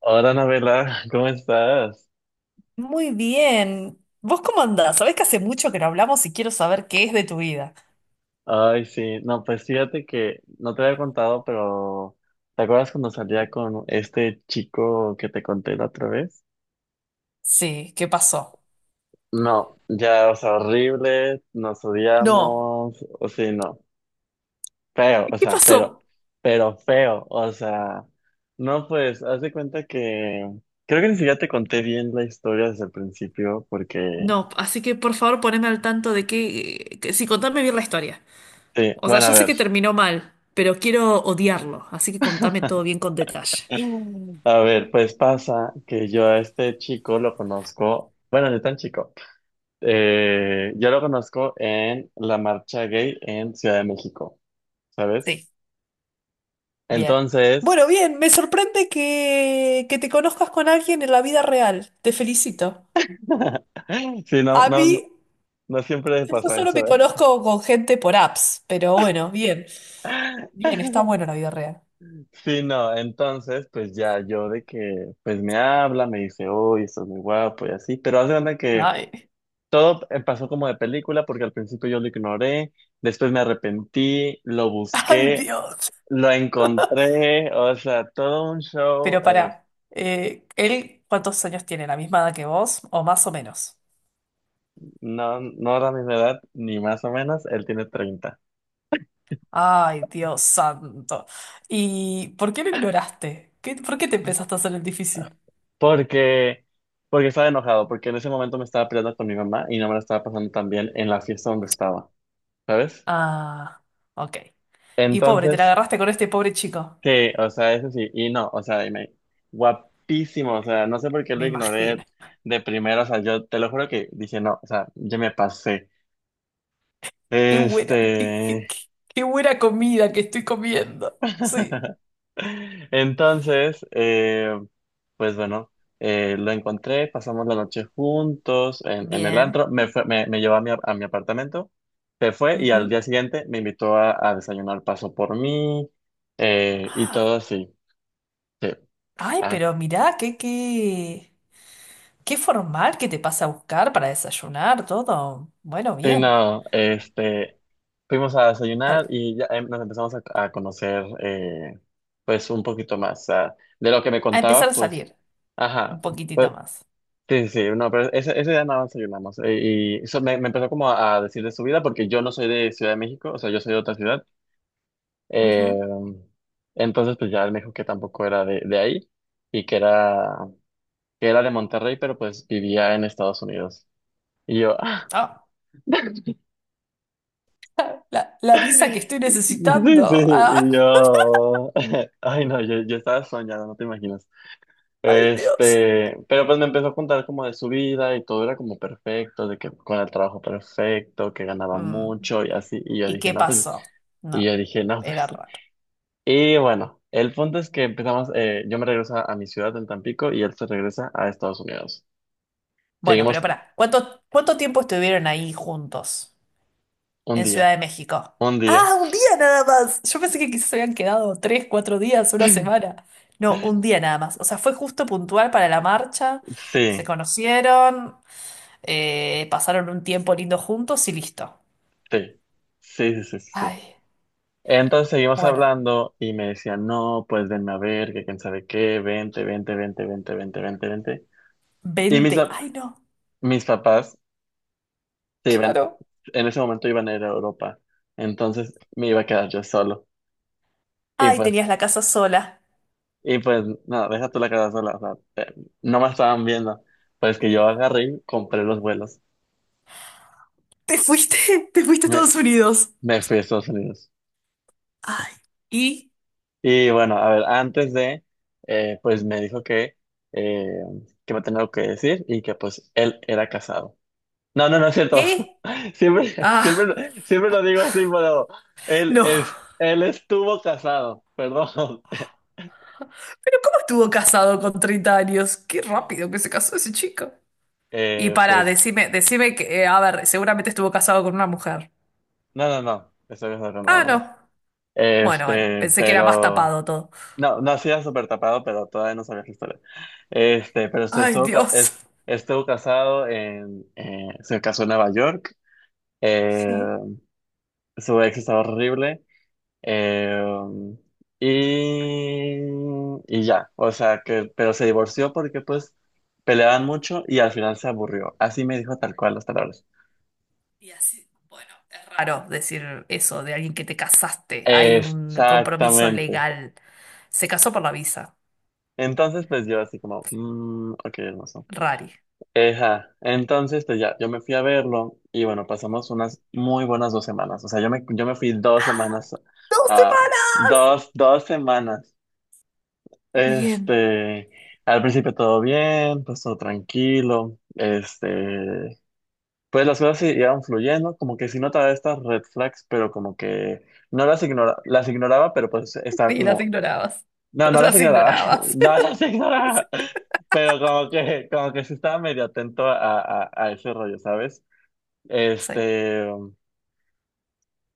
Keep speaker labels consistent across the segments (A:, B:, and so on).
A: Hola, Anabela, ¿cómo estás?
B: Muy bien. ¿Vos cómo andás? Sabés que hace mucho que no hablamos y quiero saber qué es de tu vida.
A: Ay, sí, no, pues fíjate que no te había contado, pero ¿te acuerdas cuando salía con este chico que te conté la otra vez?
B: Sí, ¿qué pasó?
A: No, ya, o sea, horrible, nos
B: No,
A: odiamos, o sí, no, feo, o
B: ¿qué
A: sea, pero,
B: pasó?
A: pero feo, o sea, no, pues, haz de cuenta que creo que ni siquiera te conté bien la historia desde el principio, porque,
B: No, así que por favor poneme al tanto de qué, sí, contame bien la historia.
A: sí,
B: O sea,
A: bueno, a
B: yo sé
A: ver.
B: que terminó mal, pero quiero odiarlo, así que contame todo bien con detalle.
A: A ver, pues pasa que yo a este chico lo conozco, bueno, no tan chico, yo lo conozco en la marcha gay en Ciudad de México, ¿sabes?
B: Sí, bien.
A: Entonces,
B: Bueno, bien, me sorprende que te conozcas con alguien en la vida real. Te felicito.
A: sí, no,
B: A mí,
A: no, no siempre
B: yo
A: pasa
B: solo me
A: eso, ¿eh?
B: conozco con gente por apps, pero bueno, bien. Bien, está bueno la vida real.
A: Sí, no, entonces, pues ya yo de que, pues me habla, me dice, uy, estás muy guapo y así, pero hace cuenta que
B: Ay,
A: todo pasó como de película porque al principio yo lo ignoré, después me arrepentí, lo
B: ay,
A: busqué,
B: Dios.
A: lo encontré, o sea, todo un show.
B: Pero para, ¿él cuántos años tiene? ¿La misma edad que vos? ¿O más o menos?
A: No, no era mi edad, ni más o menos. Él tiene 30.
B: Ay, Dios santo. ¿Y por qué lo ignoraste? ¿Por qué te empezaste a hacer el difícil?
A: Porque, porque estaba enojado, porque en ese momento me estaba peleando con mi mamá y no me la estaba pasando tan bien en la fiesta donde estaba, ¿sabes?
B: Ah, ok. Y pobre, te la
A: Entonces,
B: agarraste con este pobre chico.
A: que, o sea, eso sí, y no, o sea, guapísimo, o sea, no sé por qué
B: Me
A: lo
B: imagino.
A: ignoré de primero, o sea, yo te lo juro que dije, no, o sea, yo me pasé.
B: Qué buena, qué, qué-
A: Este.
B: qué- qué buena comida que estoy comiendo. Sí.
A: Entonces, pues bueno, lo encontré, pasamos la noche juntos en el
B: Bien.
A: antro, me llevó a mi apartamento, se fue y al
B: Ujú.
A: día siguiente me invitó a desayunar, pasó por mí y
B: Ah,
A: todo así. Sí,
B: ay,
A: así
B: pero mirá, qué. Qué formal que te pasa a buscar para desayunar, todo. Bueno, bien.
A: no, fuimos a desayunar
B: Para,
A: y ya nos empezamos a conocer, pues un poquito más. O sea, de lo que me
B: a empezar
A: contaba,
B: a
A: pues,
B: salir un
A: ajá.
B: poquitito más.
A: Sí, sí, no, pero ese día nada más soy nada más. Y eso me empezó como a decir de su vida, porque yo no soy de Ciudad de México, o sea, yo soy de otra ciudad. Eh,
B: Ujú.
A: entonces, pues ya él me dijo que tampoco era de ahí y que era de Monterrey, pero pues vivía en Estados Unidos. Y yo,
B: Ah, la visa que estoy necesitando.
A: sí, sí,
B: Ah,
A: y yo, ay, no, yo, estaba soñado, no te imaginas.
B: ay, Dios.
A: Pero pues me empezó a contar como de su vida y todo era como perfecto, de que con el trabajo perfecto, que ganaba
B: Mm,
A: mucho y así. Y yo
B: ¿Y
A: dije,
B: qué
A: no, pues,
B: pasó?
A: y yo
B: No,
A: dije, no,
B: era
A: pues.
B: raro.
A: Y bueno, el punto es que empezamos, yo me regreso a mi ciudad en Tampico y él se regresa a Estados Unidos.
B: Bueno, pero
A: Seguimos
B: pará, ¿cuánto tiempo estuvieron ahí juntos?
A: un
B: En
A: día,
B: Ciudad de México.
A: un día.
B: Ah, un día nada más. Yo pensé que quizás se habían quedado 3, 4 días, una semana. No, un día nada más. O sea, fue justo puntual para la marcha. Se
A: Sí,
B: conocieron, pasaron un tiempo lindo juntos y listo.
A: sí, sí, sí, sí, sí. Sí.
B: Ay,
A: Entonces seguimos
B: bueno,
A: hablando y me decía, no, pues venme a ver, que quién sabe qué, vente, vente, vente, vente, vente, vente, vente. Y mis,
B: 20. Ay, no,
A: mis papás se iban,
B: claro.
A: en ese momento iban a ir a Europa, entonces me iba a quedar yo solo. Y
B: Ay, tenías
A: pues,
B: la casa sola.
A: y pues, no, deja tú la quedar sola, o sea, te- no me estaban viendo. Pues que yo agarré y compré los vuelos.
B: Te fuiste, te fuiste a
A: Me,
B: Estados Unidos.
A: me fui a Estados Unidos.
B: Ay, ¿y
A: Y bueno, a ver, antes de, pues me dijo eh, que me tenía algo que decir y que pues él era casado. No, no, no es cierto.
B: qué?
A: Siempre, siempre,
B: Ah,
A: lo- siempre lo digo así, pero él
B: no.
A: es, él estuvo casado, perdón.
B: Pero ¿cómo estuvo casado con 30 años? Qué rápido que se casó ese chico. Y para,
A: Pues,
B: decime que, a ver, seguramente estuvo casado con una mujer.
A: no, no, no, estoy pensando en
B: Ah,
A: nombre.
B: no. Bueno, bueno, pensé que era más
A: Pero,
B: tapado todo.
A: no, no hacía súper tapado, pero todavía no sabía su historia. Este, pero se
B: Ay,
A: estuvo, ca-
B: Dios.
A: es- Se casó en Nueva York, eh,
B: Sí.
A: su ex estaba horrible, eh, y, y ya, o sea, que, pero se divorció porque pues peleaban mucho y al final se aburrió. Así me dijo tal cual las palabras.
B: Y así, bueno, es raro decir eso de alguien que te casaste. Hay un compromiso
A: Exactamente.
B: legal. Se casó por la visa.
A: Entonces, pues yo así como, ok, hermoso.
B: Rari.
A: Eja, entonces, pues ya, yo me fui a verlo y bueno, pasamos unas muy buenas 2 semanas. O sea, yo me fui dos
B: ¡Ah!
A: semanas,
B: ¡Dos
A: a
B: semanas!
A: dos semanas.
B: ¡Qué bien!
A: Este, al principio todo bien, pues todo tranquilo. Pues las cosas se iban fluyendo, como que sí notaba estas red flags, pero como que no las ignoraba, pero pues estaba
B: Sí, las
A: como
B: ignorabas.
A: no, no las
B: Las
A: ignoraba,
B: ignorabas.
A: no las
B: Sí.
A: ignoraba, pero como que sí estaba medio atento a ese rollo, ¿sabes?
B: Sí.
A: Este,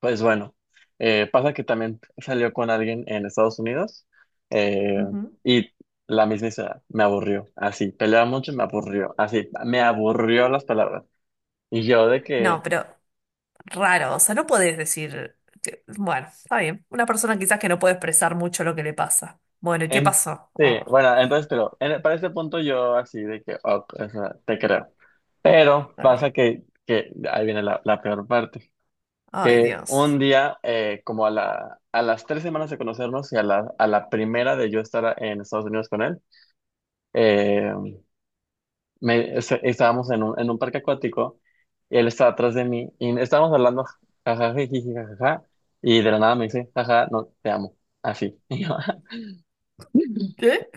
A: pues bueno, pasa que también salió con alguien en Estados Unidos, eh,
B: Ujú.
A: y la misma historia, me aburrió, así, peleaba mucho, me aburrió, así, me aburrió las palabras. Y yo de
B: No,
A: que,
B: pero raro, o sea, no podés decir, bueno, está bien, una persona quizás que no puede expresar mucho lo que le pasa. Bueno, ¿y qué
A: En,
B: pasó?
A: sí,
B: Oh,
A: bueno, entonces, pero para este punto yo así de que, ok, o sea, te creo. Pero
B: está
A: pasa
B: bien.
A: que, ahí viene la peor parte,
B: Ay,
A: que
B: Dios.
A: un día, como a las 3 semanas de conocernos y a la primera de yo estar en Estados Unidos con él, eh, estábamos en un parque acuático y él estaba atrás de mí y estábamos hablando, jajaja, jiji, jajaja, y de la nada me dice, jaja, no, te amo, así.
B: ¿Qué?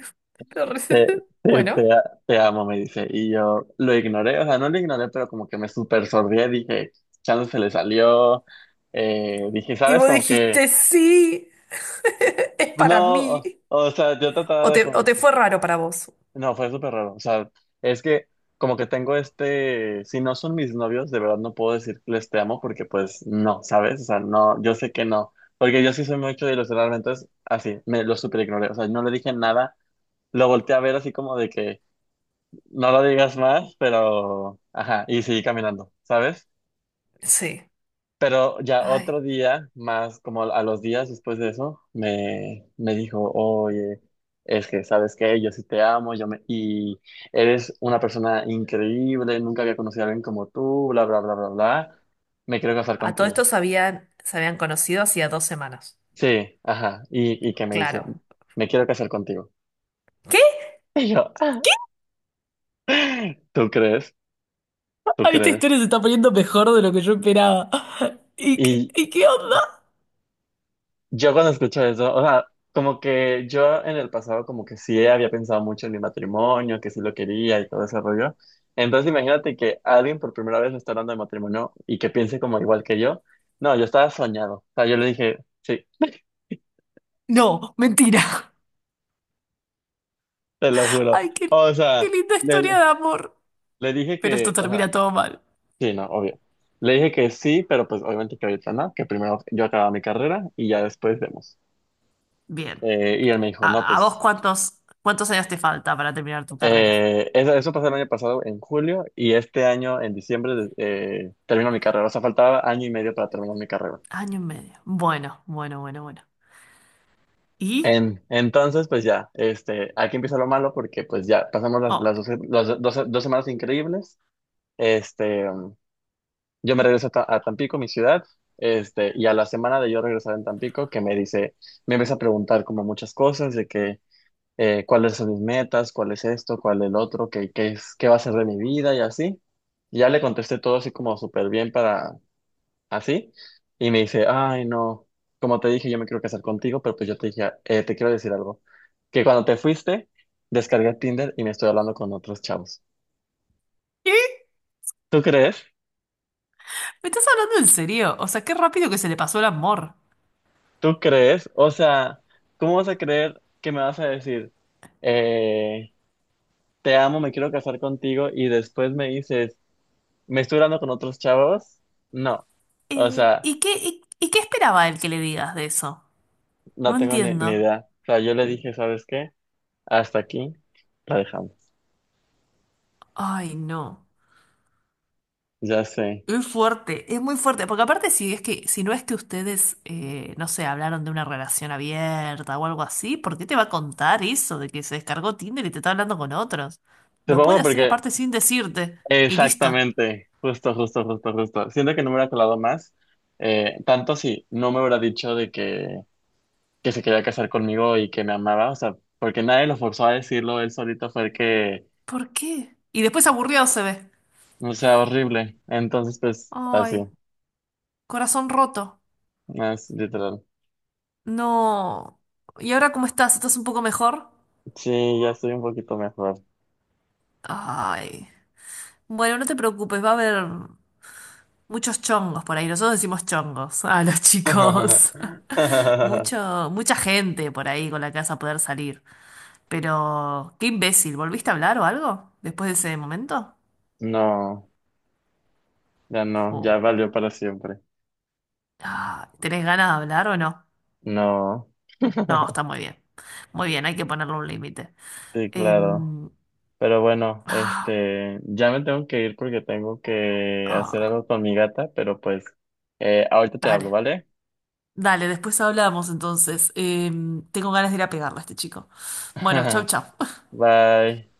B: Te re-
A: Te, te,
B: Bueno,
A: te, a- te amo, me dice. Y yo lo ignoré, o sea, no lo ignoré, pero como que me super sordí, dije, chance se le salió. Dije,
B: y
A: ¿sabes?
B: vos
A: Como que,
B: dijiste, sí, es
A: pues,
B: para
A: no, o,
B: mí.
A: o sea, yo
B: ¿O
A: trataba de
B: te, o
A: como,
B: te fue raro para vos?
A: no, fue súper raro. O sea, es que como que tengo si no son mis novios, de verdad no puedo decir que les te amo porque pues no, ¿sabes? O sea, no, yo sé que no. Porque yo sí soy mucho de ilusionarme, entonces así, me lo super ignoré. O sea, no le dije nada, lo volteé a ver así como de que... no lo digas más, pero, ajá, y seguí caminando, ¿sabes?
B: Sí.
A: Pero ya
B: Ay.
A: otro día, más como a los días después de eso, me dijo, oye, es que sabes que yo sí te amo, y eres una persona increíble, nunca había conocido a alguien como tú, bla, bla, bla, bla, bla, me quiero casar
B: A todo
A: contigo.
B: esto se habían conocido hacía 2 semanas.
A: Sí, ajá, y que me dice,
B: Claro.
A: me quiero casar contigo.
B: ¿Qué?
A: Y yo, ¿tú crees? ¿Tú
B: Ah, esta
A: crees?
B: historia se está poniendo mejor de lo que yo esperaba. ¿Y qué onda?
A: Yo cuando escucho eso, o sea, como que yo en el pasado como que sí había pensado mucho en mi matrimonio, que sí lo quería y todo ese rollo. Entonces imagínate que alguien por primera vez me está hablando de matrimonio y que piense como igual que yo. No, yo estaba soñado. O sea, yo le dije, sí,
B: No, mentira.
A: te lo juro.
B: Ay, qué,
A: O
B: qué
A: sea,
B: linda historia
A: le,
B: de amor.
A: le dije
B: Pero esto
A: que, o sea,
B: termina todo mal.
A: sí, no, obvio. Le dije que sí, pero pues obviamente que ahorita no, que primero yo acababa mi carrera y ya después vemos.
B: Bien.
A: Y él me dijo, no,
B: ¿A vos
A: pues
B: cuántos años te falta para terminar tu carrera?
A: eso pasó el año pasado en julio y este año en diciembre termino mi carrera. O sea, faltaba año y medio para terminar mi carrera.
B: Año y medio. Bueno, bueno, bueno, bueno. ¿Y?
A: Entonces, pues ya, aquí empieza lo malo porque pues ya pasamos
B: Oh,
A: las, doce- las do- doce- dos semanas increíbles. Este, um, yo me regreso a Tampico, mi ciudad, y a la semana de yo regresar en Tampico, me empieza a preguntar como muchas cosas de que cuáles son mis metas, cuál es esto, cuál el otro, qué, es, qué va a ser de mi vida y así. Y ya le contesté todo así como súper bien para así. Y me dice, ay, no, como te dije, yo me quiero casar contigo, pero pues yo te dije, te quiero decir algo. Que cuando te fuiste, descargué Tinder y me estoy hablando con otros chavos.
B: ¿qué?
A: ¿Tú crees?
B: ¿Me estás hablando en serio? O sea, qué rápido que se le pasó el amor.
A: ¿Tú crees? O sea, ¿cómo vas a creer que me vas a decir, eh, te amo, me quiero casar contigo y después me dices... ¿Me estoy hablando con otros chavos? No. O sea,
B: ¿Y qué esperaba él que le digas de eso? No
A: no tengo ni
B: entiendo.
A: idea. O sea, yo le dije, ¿sabes qué? Hasta aquí la dejamos.
B: Ay, no.
A: Ya sé.
B: Es fuerte, es muy fuerte, porque aparte si es que, si no es que ustedes, no sé, hablaron de una relación abierta o algo así, ¿por qué te va a contar eso de que se descargó Tinder y te está hablando con otros? Lo puede
A: Supongo
B: hacer
A: porque...
B: aparte sin decirte, y listo.
A: Exactamente. Justo, justo, justo, justo. Siento que no me hubiera colado más. Tanto si no me hubiera dicho de que, se quería casar conmigo y que me amaba. O sea, porque nadie lo forzó a decirlo. Él solito fue el que...
B: ¿Por qué? Y después aburrido se ve.
A: No sea horrible. Entonces, pues, así.
B: Ay, corazón roto.
A: Más literal.
B: No. ¿Y ahora cómo estás? ¿Estás un poco mejor?
A: Sí, ya estoy un poquito mejor.
B: Ay. Bueno, no te preocupes, va a haber. Muchos chongos por ahí. Nosotros decimos chongos a los chicos. Mucha gente por ahí con la que vas a poder salir. Pero, qué imbécil. ¿Volviste a hablar o algo después de ese momento?
A: No, ya no, ya
B: O-
A: valió para siempre.
B: ah, ¿tenés ganas de hablar o no?
A: No.
B: No, está muy bien. Muy bien, hay que ponerle un límite.
A: Sí, claro.
B: Em,
A: Pero bueno,
B: ah,
A: ya me tengo que ir porque tengo que hacer
B: ah,
A: algo con mi gata, pero pues, ahorita te hablo,
B: Dale.
A: ¿vale?
B: Dale, después hablamos entonces. Tengo ganas de ir a pegarle a este chico. Bueno, chau, chau.
A: Bye.